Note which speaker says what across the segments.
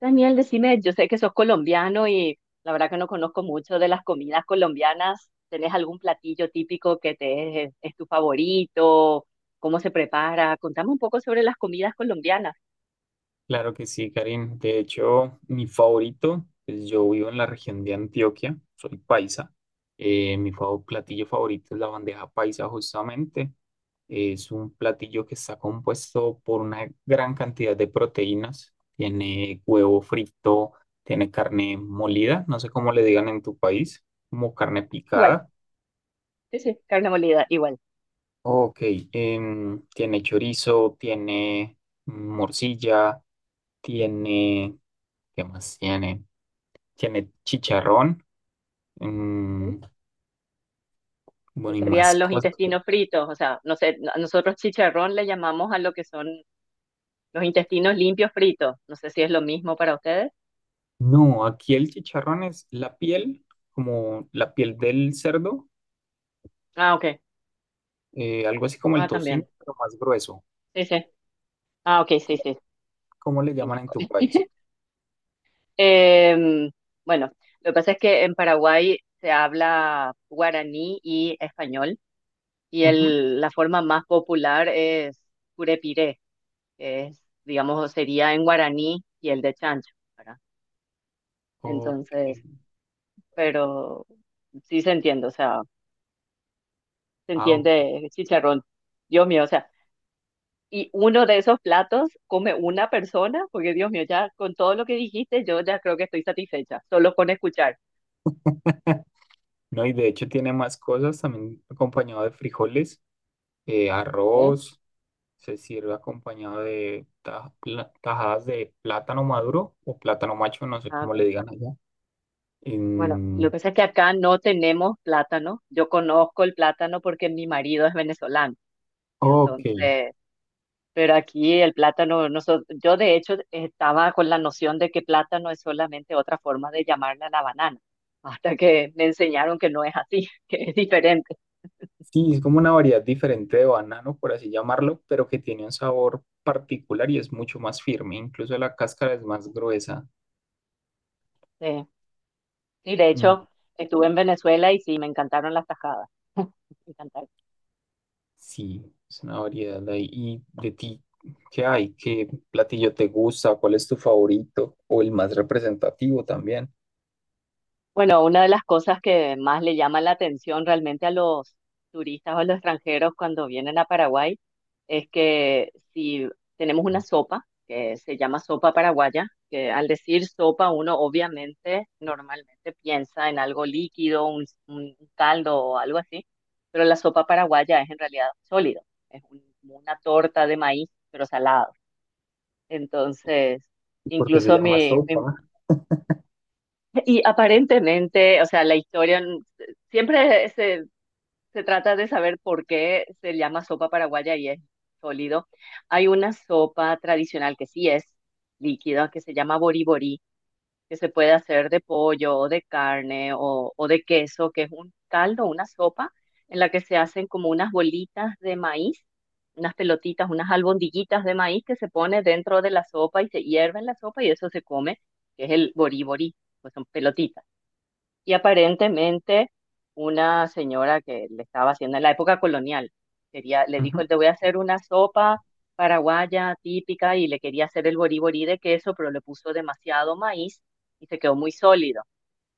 Speaker 1: Daniel, decime, yo sé que sos colombiano y la verdad que no conozco mucho de las comidas colombianas. ¿Tenés algún platillo típico que es tu favorito? ¿Cómo se prepara? Contame un poco sobre las comidas colombianas.
Speaker 2: Claro que sí, Karim. De hecho, mi favorito, pues yo vivo en la región de Antioquia, soy paisa. Platillo favorito es la bandeja paisa, justamente. Es un platillo que está compuesto por una gran cantidad de proteínas. Tiene huevo frito, tiene carne molida, no sé cómo le digan en tu país, como carne
Speaker 1: Igual,
Speaker 2: picada.
Speaker 1: sí, sí, carne molida, igual.
Speaker 2: Ok, tiene chorizo, tiene morcilla, tiene, ¿qué más tiene? Tiene chicharrón,
Speaker 1: Ujú.
Speaker 2: em, bueno, y más
Speaker 1: Serían los
Speaker 2: cosas.
Speaker 1: intestinos fritos, o sea, no sé, nosotros chicharrón le llamamos a lo que son los intestinos limpios fritos. No sé si es lo mismo para ustedes.
Speaker 2: No, aquí el chicharrón es la piel, como la piel del cerdo,
Speaker 1: Ah, ok.
Speaker 2: algo así como el
Speaker 1: Ah,
Speaker 2: tocino,
Speaker 1: también.
Speaker 2: pero más grueso.
Speaker 1: Sí, sí. Ah, ok, sí,
Speaker 2: ¿Cómo, cómo le
Speaker 1: sí.
Speaker 2: llaman en tu país?
Speaker 1: Eh, bueno, lo que pasa es que en Paraguay se habla guaraní y español, y
Speaker 2: Ujú.
Speaker 1: la forma más popular es curepiré, que es, digamos, sería en guaraní y el de chancho, ¿verdad?
Speaker 2: Ok,
Speaker 1: Entonces, pero sí se entiende, o sea, se
Speaker 2: ah, ok.
Speaker 1: entiende chicharrón. Dios mío, o sea, y uno de esos platos come una persona, porque Dios mío, ya con todo lo que dijiste, yo ya creo que estoy satisfecha, solo con escuchar.
Speaker 2: No, y de hecho tiene más cosas, también acompañado de frijoles,
Speaker 1: ¿Eh?
Speaker 2: arroz, se sirve acompañado de tajadas de plátano maduro o plátano macho, no sé
Speaker 1: Ah,
Speaker 2: cómo
Speaker 1: ok.
Speaker 2: le digan allá.
Speaker 1: Bueno, lo que
Speaker 2: En-
Speaker 1: pasa es que acá no tenemos plátano. Yo conozco el plátano porque mi marido es venezolano.
Speaker 2: ok,
Speaker 1: Entonces, pero aquí el plátano, yo de hecho estaba con la noción de que plátano es solamente otra forma de llamarle a la banana, hasta que me enseñaron que no es así, que es diferente.
Speaker 2: sí, es como una variedad diferente de banano, por así llamarlo, pero que tiene un sabor particular y es mucho más firme, incluso la cáscara es más gruesa.
Speaker 1: Sí, y de
Speaker 2: Mm,
Speaker 1: hecho, estuve en Venezuela y sí, me encantaron las tajadas. Me encantaron.
Speaker 2: sí, es una variedad de ahí. ¿Y de ti qué hay? ¿Qué platillo te gusta? ¿Cuál es tu favorito? O el más representativo también,
Speaker 1: Bueno, una de las cosas que más le llama la atención realmente a los turistas o a los extranjeros cuando vienen a Paraguay es que si tenemos una sopa que se llama sopa paraguaya, que al decir sopa uno obviamente normalmente piensa en algo líquido, un caldo o algo así, pero la sopa paraguaya es en realidad sólido, es como una torta de maíz, pero salado. Entonces,
Speaker 2: porque se
Speaker 1: incluso
Speaker 2: llama
Speaker 1: mi mis
Speaker 2: sopa.
Speaker 1: y aparentemente, o sea, la historia, siempre se trata de saber por qué se llama sopa paraguaya y es sólido. Hay una sopa tradicional que sí es líquida, que se llama boriborí, que se puede hacer de pollo o de carne o de queso, que es un caldo, una sopa en la que se hacen como unas bolitas de maíz, unas pelotitas, unas albondiguitas de maíz que se pone dentro de la sopa y se hierve en la sopa y eso se come, que es el boriborí, pues son pelotitas. Y aparentemente una señora que le estaba haciendo en la época colonial, quería, le dijo, te voy a hacer una sopa paraguaya típica y le quería hacer el boriborí de queso, pero le puso demasiado maíz y se quedó muy sólido.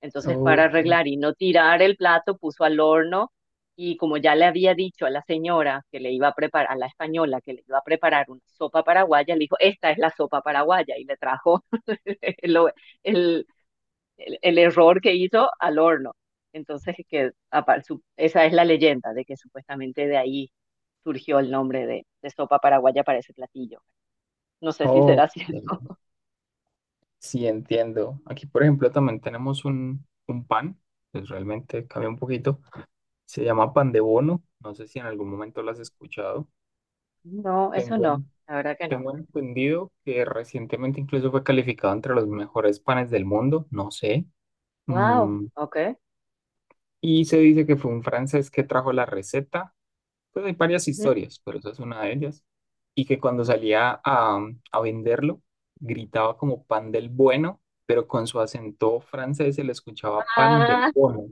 Speaker 1: Entonces, para
Speaker 2: Ok,
Speaker 1: arreglar y no tirar el plato, puso al horno y como ya le había dicho a la señora que le iba a preparar, a la española que le iba a preparar una sopa paraguaya, le dijo, esta es la sopa paraguaya y le trajo el, el error que hizo al horno. Entonces, que esa es la leyenda de que supuestamente de ahí surgió el nombre de sopa paraguaya para ese platillo. No sé si
Speaker 2: ok,
Speaker 1: será cierto.
Speaker 2: sí entiendo. Aquí, por ejemplo, también tenemos un pan, pues realmente cambia un poquito. Se llama pan de bono. No sé si en algún momento lo has escuchado.
Speaker 1: No, eso
Speaker 2: Tengo,
Speaker 1: no,
Speaker 2: en-
Speaker 1: la verdad que no.
Speaker 2: Tengo entendido que recientemente incluso fue calificado entre los mejores panes del mundo, no sé.
Speaker 1: Wow,
Speaker 2: Mm,
Speaker 1: ok.
Speaker 2: y se dice que fue un francés que trajo la receta. Pues hay varias
Speaker 1: Ujú.
Speaker 2: historias, pero esa es una de ellas. Y que cuando salía a venderlo, gritaba como pan del bueno, pero con su acento francés se le escuchaba pan del
Speaker 1: Ah,
Speaker 2: bono.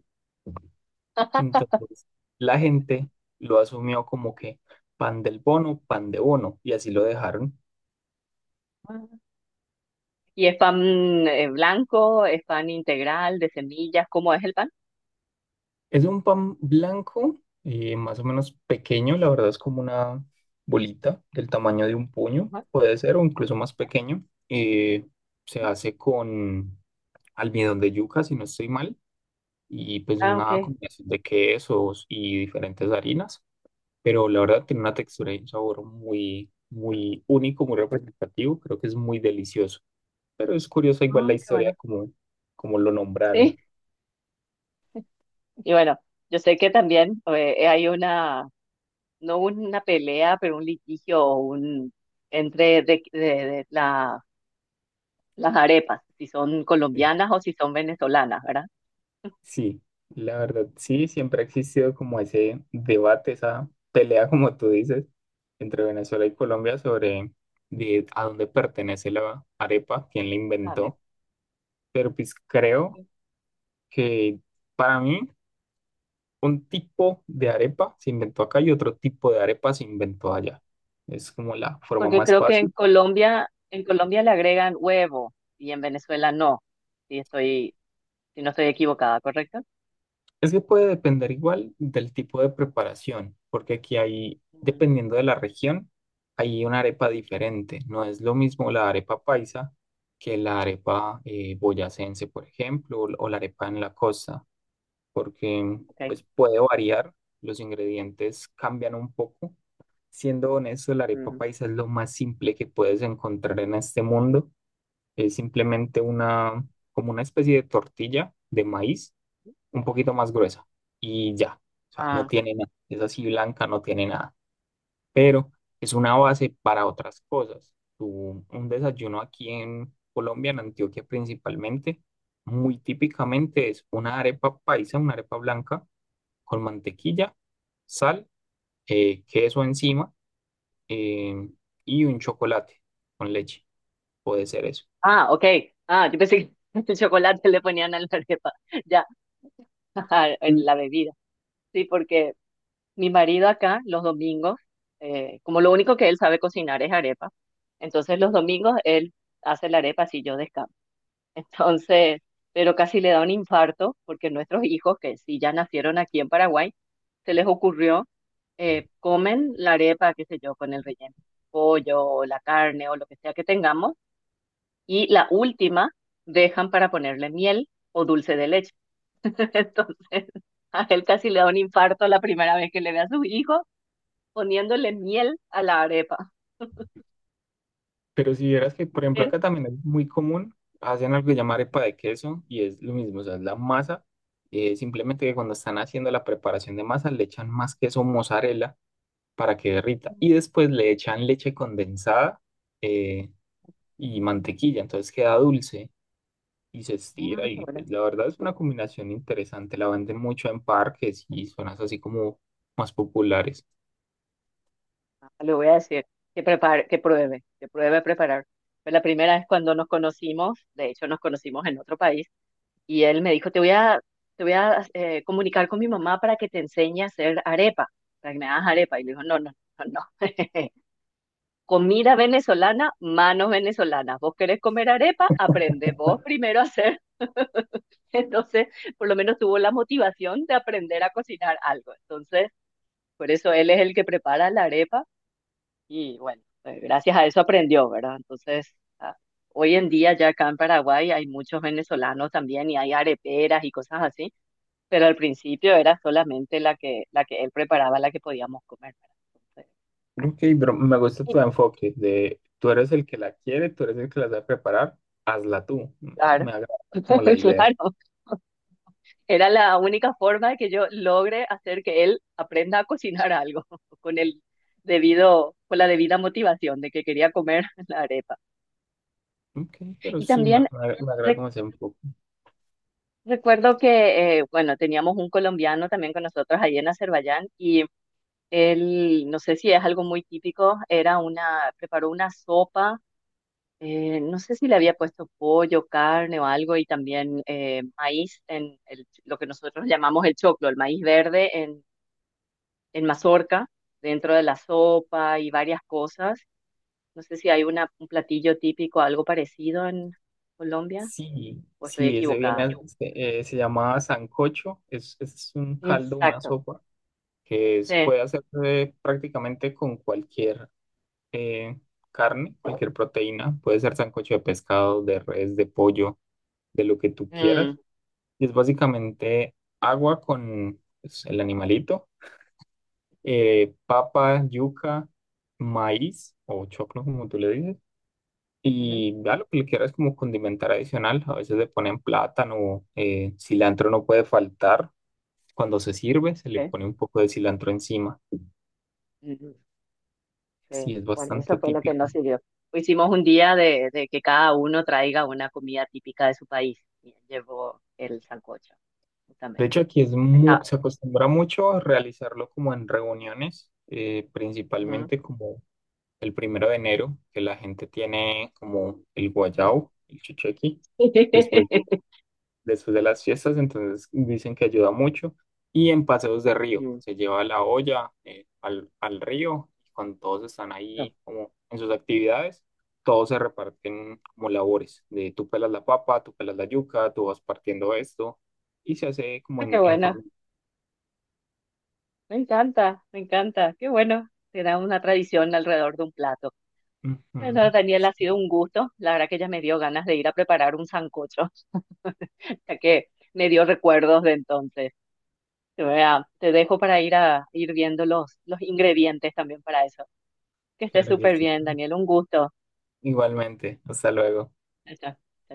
Speaker 2: Entonces la gente lo asumió como que pan del bono, pan de bono, y así lo dejaron.
Speaker 1: ¿y es pan blanco? ¿Es pan integral de semillas? ¿Cómo es el pan?
Speaker 2: Es un pan blanco, más o menos pequeño, la verdad es como una bolita del tamaño de un puño,
Speaker 1: Ajá.
Speaker 2: puede ser, o incluso más pequeño. Se hace con almidón de yuca, si no estoy mal, y pues
Speaker 1: Ah, ok.
Speaker 2: una combinación de quesos y diferentes harinas, pero la verdad tiene una textura y un sabor muy, muy único, muy representativo, creo que es muy delicioso, pero es curioso igual la
Speaker 1: Ah, qué
Speaker 2: historia
Speaker 1: bueno.
Speaker 2: como, como lo nombraron.
Speaker 1: Sí, y bueno, yo sé que también hay una no una pelea, pero un litigio o un, entre las arepas, si son
Speaker 2: Sí,
Speaker 1: colombianas o si son venezolanas, ¿verdad?
Speaker 2: sí, la verdad, sí, siempre ha existido como ese debate, esa pelea, como tú dices, entre Venezuela y Colombia sobre de, a dónde pertenece la arepa, quién la
Speaker 1: Las
Speaker 2: inventó,
Speaker 1: arepas.
Speaker 2: pero pues creo que para mí un tipo de arepa se inventó acá y otro tipo de arepa se inventó allá. Es como la forma
Speaker 1: Porque
Speaker 2: más
Speaker 1: creo que
Speaker 2: fácil.
Speaker 1: En Colombia le agregan huevo y en Venezuela no, si estoy, si no estoy equivocada, ¿correcto?
Speaker 2: Es que puede depender igual del tipo de preparación, porque aquí hay,
Speaker 1: Mm,
Speaker 2: dependiendo de la región, hay una arepa diferente. No es lo mismo la arepa paisa que la arepa boyacense, por ejemplo, o la arepa en la costa, porque
Speaker 1: ok.
Speaker 2: pues puede variar, los ingredientes cambian un poco. Siendo honesto, la arepa
Speaker 1: Mm.
Speaker 2: paisa es lo más simple que puedes encontrar en este mundo. Es simplemente una, como una especie de tortilla de maíz, un poquito más gruesa y ya. O sea, no
Speaker 1: Ah,
Speaker 2: tiene nada. Es así blanca, no tiene nada. Pero es una base para otras cosas. Un desayuno aquí en Colombia, en Antioquia principalmente, muy típicamente es una arepa paisa, una arepa blanca con mantequilla, sal, queso encima, eh, y un chocolate con leche, puede ser eso.
Speaker 1: ah, ok. Ah, yo pensé que el chocolate le ponían a la arepa, ya, en
Speaker 2: Mm.
Speaker 1: la bebida. Sí, porque mi marido acá, los domingos, como lo único que él sabe cocinar es arepa, entonces los domingos él hace la arepa si yo descanso. Entonces, pero casi le da un infarto porque nuestros hijos, que sí ya nacieron aquí en Paraguay, se les ocurrió, comen la arepa, qué sé yo, con el relleno, pollo o la carne o lo que sea que tengamos, y la última dejan para ponerle miel o dulce de leche. Entonces, a él casi le da un infarto la primera vez que le ve a sus hijos poniéndole miel a la arepa.
Speaker 2: Pero si vieras que, por ejemplo,
Speaker 1: Pero,
Speaker 2: acá también es muy común, hacen algo que llamar arepa de queso y es lo mismo, o sea, es la masa, simplemente que cuando están haciendo la preparación de masa le echan más queso mozzarella para que derrita y después le echan leche condensada, eh, y mantequilla, entonces queda dulce y se
Speaker 1: ah,
Speaker 2: estira
Speaker 1: qué
Speaker 2: y
Speaker 1: bueno.
Speaker 2: pues la verdad es una combinación interesante, la venden mucho en parques y zonas así como más populares.
Speaker 1: Ah, le voy a decir que prepare, que pruebe a preparar. Fue la primera vez cuando nos conocimos, de hecho nos conocimos en otro país, y él me dijo, te voy a comunicar con mi mamá para que te enseñe a hacer arepa, para que me hagas arepa. Y le digo, no, no, no, no. Comida venezolana, manos venezolanas. Vos querés comer arepa, aprende vos primero a hacer. Entonces, por lo menos tuvo la motivación de aprender a cocinar algo. Entonces, por eso él es el que prepara la arepa y bueno, gracias a eso aprendió, ¿verdad? Entonces, ah, hoy en día ya acá en Paraguay hay muchos venezolanos también y hay areperas y cosas así, pero al principio era solamente la que él preparaba, la que podíamos comer, ¿verdad? Entonces,
Speaker 2: Ok, pero me gusta
Speaker 1: y
Speaker 2: tu enfoque de tú eres el que la quiere, tú eres el que la sabe preparar, hazla tú. Me,
Speaker 1: claro,
Speaker 2: me agrada como la idea.
Speaker 1: claro. Era la única forma de que yo logre hacer que él aprenda a cocinar algo con el con la debida motivación de que quería comer la arepa.
Speaker 2: Ok, pero
Speaker 1: Y
Speaker 2: sí,
Speaker 1: también
Speaker 2: me agrada como ese enfoque.
Speaker 1: recuerdo que, bueno, teníamos un colombiano también con nosotros allí en Azerbaiyán y él, no sé si es algo muy típico, era una, preparó una sopa, no sé si le había puesto pollo, carne o algo y también maíz lo que nosotros llamamos el choclo, el maíz verde en mazorca, dentro de la sopa y varias cosas. No sé si hay una, un platillo típico, algo parecido en Colombia
Speaker 2: Sí,
Speaker 1: o estoy
Speaker 2: sí, ese viene,
Speaker 1: equivocada.
Speaker 2: se llama sancocho, es un caldo, una
Speaker 1: Exacto,
Speaker 2: sopa,
Speaker 1: sí.
Speaker 2: puede hacerse prácticamente con cualquier eh, carne, cualquier proteína. Puede ser sancocho de pescado, de res, de pollo, de lo que tú quieras.
Speaker 1: Mm,
Speaker 2: Y es básicamente agua con pues, el animalito, papa, yuca, maíz o choclo, como tú le dices.
Speaker 1: ujú.
Speaker 2: Y ya lo que le quieras como condimentar adicional. A veces le ponen plátano, cilantro no puede faltar. Cuando se sirve, se le
Speaker 1: Sí,
Speaker 2: pone un poco de cilantro encima.
Speaker 1: ujú, sí.
Speaker 2: Sí, es
Speaker 1: Bueno, eso
Speaker 2: bastante
Speaker 1: fue lo que nos
Speaker 2: típico.
Speaker 1: sirvió. Hicimos un día de que cada uno traiga una comida típica de su país. Y él llevó el sancocho,
Speaker 2: De hecho,
Speaker 1: justamente.
Speaker 2: aquí es
Speaker 1: Está.
Speaker 2: se acostumbra mucho a realizarlo como en reuniones,
Speaker 1: Ujú.
Speaker 2: principalmente como el 1 de enero, que la gente tiene como el guayao, el chuchequi, después de, después de las fiestas, entonces dicen que ayuda mucho. Y en paseos de río,
Speaker 1: Mm.
Speaker 2: se lleva la olla al río, y cuando todos están
Speaker 1: No.
Speaker 2: ahí como en sus actividades, todos se reparten como labores, de tú pelas la papa, tú pelas la yuca, tú vas partiendo esto, y se hace como
Speaker 1: Ah, qué
Speaker 2: en
Speaker 1: bueno.
Speaker 2: familia.
Speaker 1: Me encanta, me encanta. Qué bueno. Será una tradición alrededor de un plato. Bueno,
Speaker 2: Ujú.
Speaker 1: Daniel, ha sido un gusto. La verdad que ya me dio ganas de ir a preparar un sancocho, ya que me dio recuerdos de entonces. Vea, te dejo para ir a ir viendo los ingredientes también para eso. Que estés
Speaker 2: Claro que
Speaker 1: súper
Speaker 2: sí.
Speaker 1: bien, Daniel. Un gusto.
Speaker 2: Igualmente, hasta luego.
Speaker 1: Chao, chao.